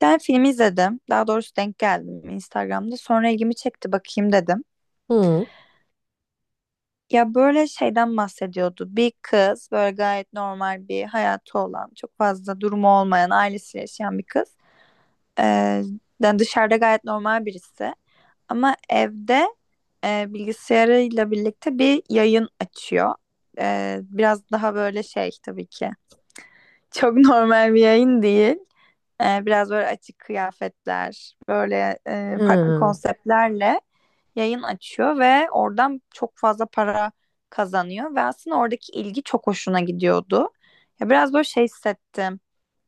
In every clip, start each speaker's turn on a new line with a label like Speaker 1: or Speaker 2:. Speaker 1: Ben film izledim. Daha doğrusu denk geldim Instagram'da. Sonra ilgimi çekti bakayım dedim.
Speaker 2: Hı.
Speaker 1: Ya böyle şeyden bahsediyordu. Bir kız böyle gayet normal bir hayatı olan, çok fazla durumu olmayan, ailesiyle yaşayan bir kız. Ee, Yani dışarıda gayet normal birisi. Ama evde bilgisayarıyla birlikte bir yayın açıyor. Biraz daha böyle şey tabii ki. Çok normal bir yayın değil. Biraz böyle açık kıyafetler, böyle farklı
Speaker 2: Hı.
Speaker 1: konseptlerle yayın açıyor ve oradan çok fazla para kazanıyor ve aslında oradaki ilgi çok hoşuna gidiyordu. Ya biraz böyle şey hissettim.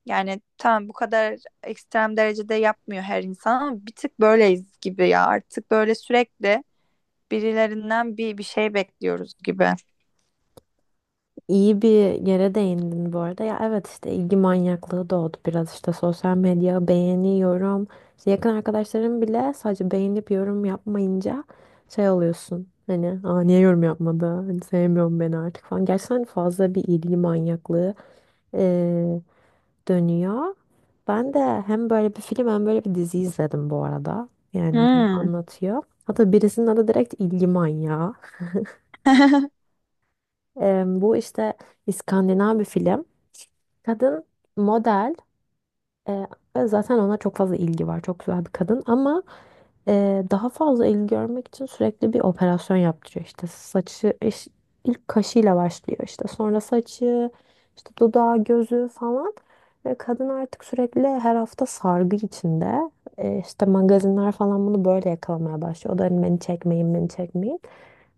Speaker 1: Yani tamam bu kadar ekstrem derecede yapmıyor her insan ama bir tık böyleyiz gibi ya. Artık böyle sürekli birilerinden bir şey bekliyoruz gibi.
Speaker 2: İyi bir yere değindin bu arada. Ya evet işte ilgi manyaklığı doğdu biraz işte sosyal medya beğeniyorum. İşte yakın arkadaşlarım bile sadece beğenip yorum yapmayınca şey oluyorsun. Hani aa, niye yorum yapmadı? Hani sevmiyorum beni artık falan. Gerçekten fazla bir ilgi manyaklığı eee, dönüyor. Ben de hem böyle bir film hem böyle bir dizi izledim bu arada. Yani bunu
Speaker 1: Hmm.
Speaker 2: anlatıyor. Hatta birisinin adı direkt ilgi manyağı. Bu işte İskandinav bir film. Kadın model e, ve zaten ona çok fazla ilgi var. Çok güzel bir kadın ama daha fazla ilgi görmek için sürekli bir operasyon yaptırıyor. İşte ilk kaşıyla başlıyor, işte sonra saçı, işte dudağı, gözü falan ve kadın artık sürekli her hafta sargı içinde. E, işte magazinler falan bunu böyle yakalamaya başlıyor. O da hani beni çekmeyin, beni çekmeyin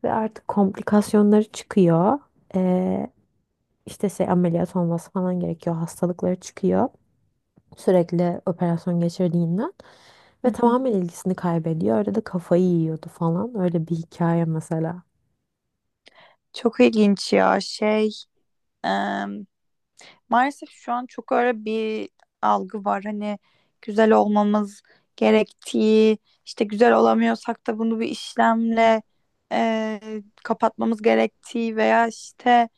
Speaker 2: ve artık komplikasyonları çıkıyor, işte şey, ameliyat olması falan gerekiyor. Hastalıkları çıkıyor sürekli operasyon geçirdiğinden ve tamamen ilgisini kaybediyor. Öyle de kafayı yiyordu falan. Öyle bir hikaye mesela.
Speaker 1: Çok ilginç ya şey. em, Maalesef şu an çok öyle bir algı var. Hani güzel olmamız gerektiği, işte güzel olamıyorsak da bunu bir işlemle e, kapatmamız gerektiği veya işte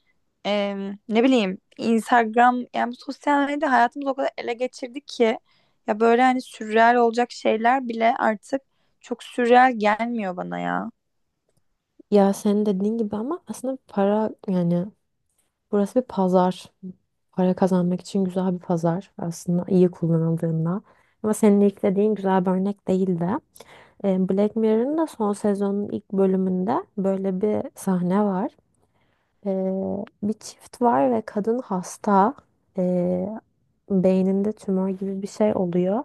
Speaker 1: e, ne bileyim Instagram, yani bu sosyal medya hayatımızı o kadar ele geçirdi ki ya böyle hani sürreal olacak şeyler bile artık çok sürreal gelmiyor bana ya.
Speaker 2: Ya senin dediğin gibi, ama aslında para, yani burası bir pazar. Para kazanmak için güzel bir pazar aslında iyi kullanıldığında. Ama senin ilk dediğin güzel bir örnek değildi. E, Black Mirror'ın da son sezonun ilk bölümünde böyle bir sahne var. Bir çift var ve kadın hasta. Ee, Beyninde tümör gibi bir şey oluyor.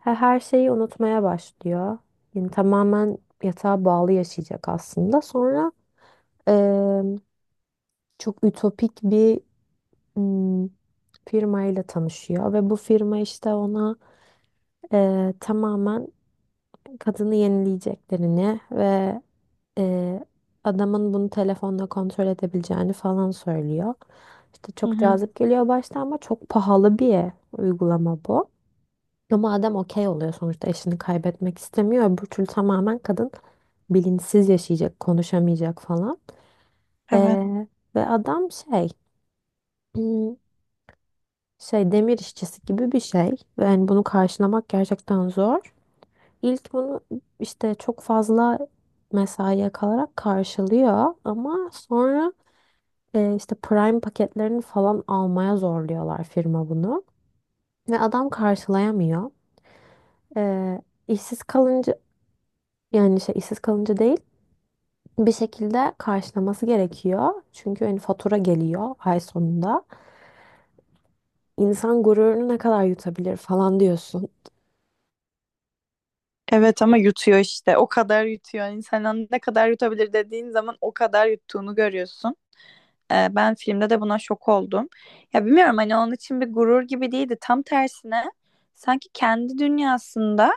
Speaker 2: Her şeyi unutmaya başlıyor. Yani tamamen yatağa bağlı yaşayacak aslında. Sonra ee, çok ütopik bir hmm, firmayla tanışıyor ve bu firma işte ona tamamen kadını yenileyeceklerini ve Ee, adamın bunu telefonla kontrol edebileceğini falan söylüyor. İşte
Speaker 1: Hı
Speaker 2: çok
Speaker 1: hı,
Speaker 2: cazip geliyor başta, ama çok pahalı bir uygulama bu. Ama adam okey oluyor, sonuçta eşini kaybetmek istemiyor. Öbür türlü tamamen kadın bilinçsiz yaşayacak, konuşamayacak falan.
Speaker 1: evet.
Speaker 2: Ee, Ve adam hmm, şey demir işçisi gibi bir şey. Ve yani bunu karşılamak gerçekten zor. İlk bunu işte çok fazla mesaiye kalarak karşılıyor, ama sonra işte Prime paketlerini falan almaya zorluyorlar, firma bunu. Ve adam karşılayamıyor. E, işsiz kalınca, yani şey, işsiz kalınca değil, bir şekilde karşılaması gerekiyor. Çünkü hani fatura geliyor ay sonunda. İnsan gururunu ne kadar yutabilir falan diyorsun.
Speaker 1: Evet ama yutuyor işte. O kadar yutuyor. İnsanın ne kadar yutabilir dediğin zaman o kadar yuttuğunu görüyorsun. Ben filmde de buna şok oldum. Ya bilmiyorum hani onun için bir gurur gibi değildi. Tam tersine sanki kendi dünyasında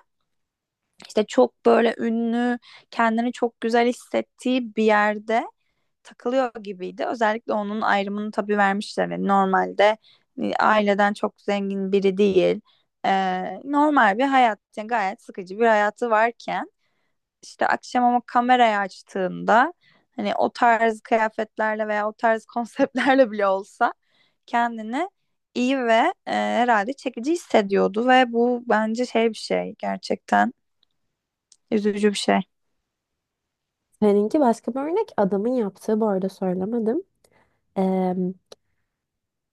Speaker 1: işte çok böyle ünlü, kendini çok güzel hissettiği bir yerde takılıyor gibiydi. Özellikle onun ayrımını tabii vermişler. Yani normalde aileden çok zengin biri değil. Normal bir hayat, yani gayet sıkıcı bir hayatı varken işte akşam ama kamerayı açtığında hani o tarz kıyafetlerle veya o tarz konseptlerle bile olsa kendini iyi ve herhalde çekici hissediyordu ve bu bence şey bir şey, gerçekten üzücü bir şey.
Speaker 2: Seninki başka bir örnek. Adamın yaptığı, bu arada söylemedim. E,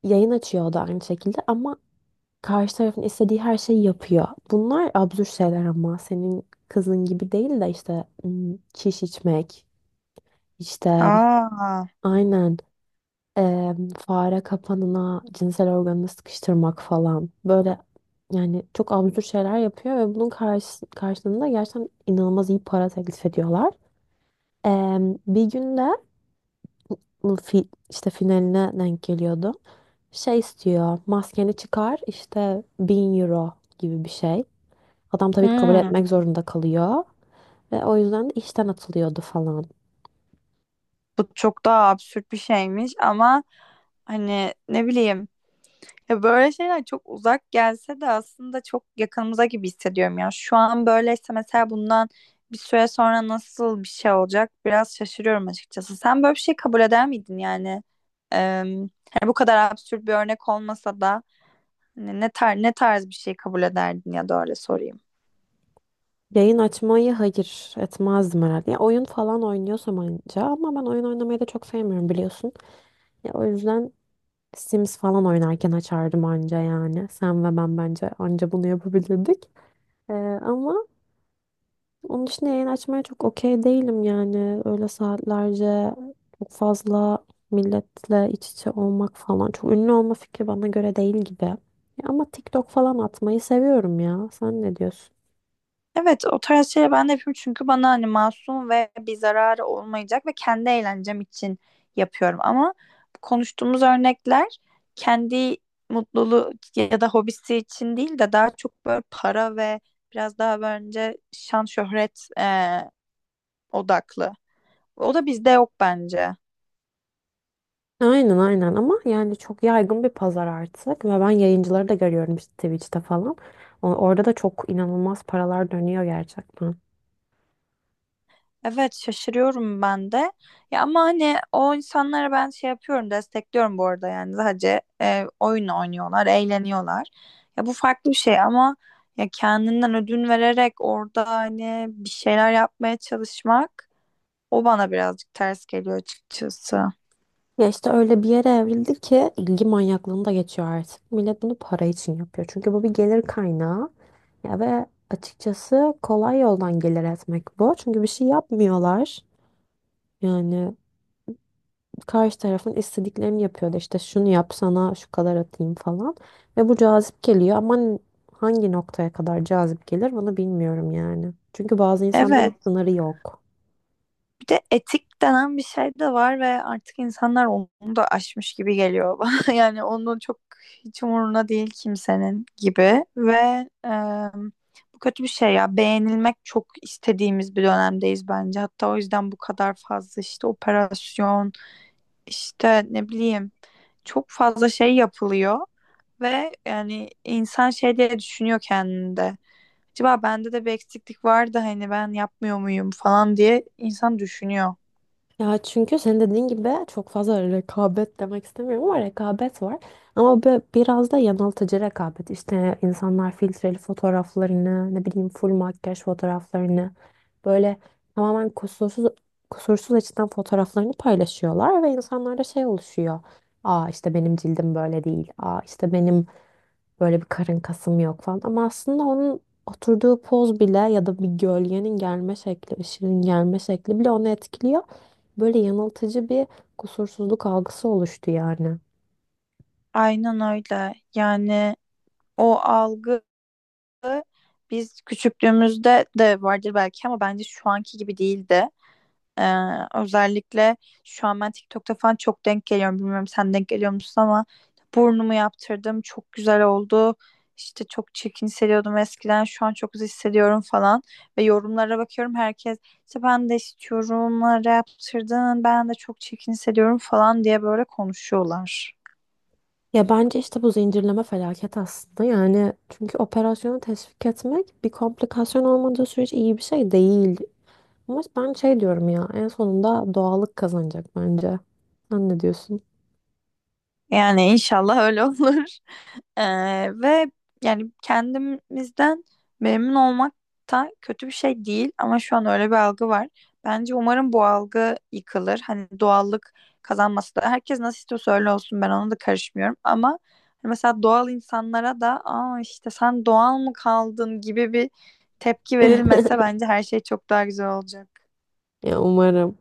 Speaker 2: yayın açıyordu aynı şekilde ama karşı tarafın istediği her şeyi yapıyor. Bunlar absürt şeyler, ama senin kızın gibi değil de işte çiş içmek, işte
Speaker 1: Aa,
Speaker 2: aynen, fare kapanına cinsel organını sıkıştırmak falan. Böyle yani çok absürt şeyler yapıyor ve bunun karşılığında gerçekten inanılmaz iyi para teklif ediyorlar. Eee, Bir günde bu fi, işte finaline denk geliyordu. Şey istiyor, maskeni çıkar işte, 1.000 euro gibi bir şey. Adam tabii ki kabul
Speaker 1: hmm,
Speaker 2: etmek zorunda kalıyor ve o yüzden de işten atılıyordu falan.
Speaker 1: bu çok daha absürt bir şeymiş ama hani ne bileyim ya böyle şeyler çok uzak gelse de aslında çok yakınımıza gibi hissediyorum ya. Şu an böyleyse mesela bundan bir süre sonra nasıl bir şey olacak biraz şaşırıyorum açıkçası. Sen böyle bir şey kabul eder miydin yani? Eee, Hani bu kadar absürt bir örnek olmasa da hani ne tarz bir şey kabul ederdin ya da öyle sorayım.
Speaker 2: Yayın açmayı hayır etmezdim herhalde. Ya oyun falan oynuyorsam anca, ama ben oyun oynamayı da çok sevmiyorum biliyorsun. Ya o yüzden Sims falan oynarken açardım anca yani. Sen ve ben bence anca bunu yapabilirdik. Ee, ama onun için yayın açmaya çok okey değilim yani. Öyle saatlerce çok fazla milletle iç içe olmak falan. Çok ünlü olma fikri bana göre değil gibi. Ya ama TikTok falan atmayı seviyorum ya. Sen ne diyorsun?
Speaker 1: Evet, o tarz şeyleri ben de yapıyorum çünkü bana hani masum ve bir zararı olmayacak ve kendi eğlencem için yapıyorum ama konuştuğumuz örnekler kendi mutluluğu ya da hobisi için değil de daha çok böyle para ve biraz daha bence şan şöhret odaklı. O da bizde yok bence.
Speaker 2: Aynen, aynen, ama yani çok yaygın bir pazar artık ve ben yayıncıları da görüyorum işte Twitch'te falan. Orada da çok inanılmaz paralar dönüyor gerçekten.
Speaker 1: Evet, şaşırıyorum ben de. Ya ama hani o insanlara ben şey yapıyorum, destekliyorum bu arada yani sadece oyun oynuyorlar, eğleniyorlar. Ya bu farklı bir şey ama ya kendinden ödün vererek orada hani bir şeyler yapmaya çalışmak o bana birazcık ters geliyor açıkçası.
Speaker 2: Ya işte öyle bir yere evrildi ki ilgi manyaklığını da geçiyor artık. Millet bunu para için yapıyor. Çünkü bu bir gelir kaynağı. Ya ve açıkçası kolay yoldan gelir etmek bu. Çünkü bir şey yapmıyorlar. Yani karşı tarafın istediklerini yapıyor da işte şunu yap, sana şu kadar atayım falan. Ve bu cazip geliyor, ama hangi noktaya kadar cazip gelir bunu bilmiyorum yani. Çünkü bazı insanların
Speaker 1: Evet.
Speaker 2: sınırı yok.
Speaker 1: Bir de etik denen bir şey de var ve artık insanlar onu da aşmış gibi geliyor bana. Yani onu çok hiç umuruna değil kimsenin gibi ve bu kötü bir şey ya. Beğenilmek çok istediğimiz bir dönemdeyiz bence. Hatta o yüzden bu kadar fazla işte operasyon, işte ne bileyim çok fazla şey yapılıyor ve yani insan şey diye düşünüyor kendinde. Acaba bende de bir eksiklik var da hani ben yapmıyor muyum falan diye insan düşünüyor.
Speaker 2: Ya çünkü senin dediğin gibi çok fazla rekabet demek istemiyorum, ama rekabet var. Ama biraz da yanıltıcı rekabet. İşte insanlar filtreli fotoğraflarını, ne bileyim full makyaj fotoğraflarını, böyle tamamen kusursuz, kusursuz açıdan fotoğraflarını paylaşıyorlar ve insanlarda şey oluşuyor. Aa, işte benim cildim böyle değil. Aa, işte benim böyle bir karın kasım yok falan. Ama aslında onun oturduğu poz bile, ya da bir gölgenin gelme şekli, ışığın gelme şekli bile onu etkiliyor. Böyle yanıltıcı bir kusursuzluk algısı oluştu yani.
Speaker 1: Aynen öyle. Yani o algı biz küçüklüğümüzde de vardır belki ama bence şu anki gibi değildi. Ee, Özellikle şu an ben TikTok'ta falan çok denk geliyorum. Bilmiyorum sen denk geliyor musun ama burnumu yaptırdım. Çok güzel oldu. İşte çok çirkin hissediyordum eskiden. Şu an çok güzel hissediyorum falan. Ve yorumlara bakıyorum herkes işte ben de istiyorum. Bana yaptırdın. Ben de çok çirkin hissediyorum falan diye böyle konuşuyorlar.
Speaker 2: Ya bence işte bu zincirleme felaket aslında. Yani çünkü operasyonu teşvik etmek, bir komplikasyon olmadığı sürece, iyi bir şey değil. Ama ben şey diyorum ya, en sonunda doğallık kazanacak bence. Sen ne diyorsun?
Speaker 1: Yani inşallah öyle olur. Ve yani kendimizden memnun olmak da kötü bir şey değil ama şu an öyle bir algı var. Bence umarım bu algı yıkılır. Hani doğallık kazanması da herkes nasıl istiyorsa öyle olsun, ben ona da karışmıyorum ama hani mesela doğal insanlara da aa işte sen doğal mı kaldın gibi bir tepki verilmese bence her şey çok daha güzel olacak.
Speaker 2: Ya umarım.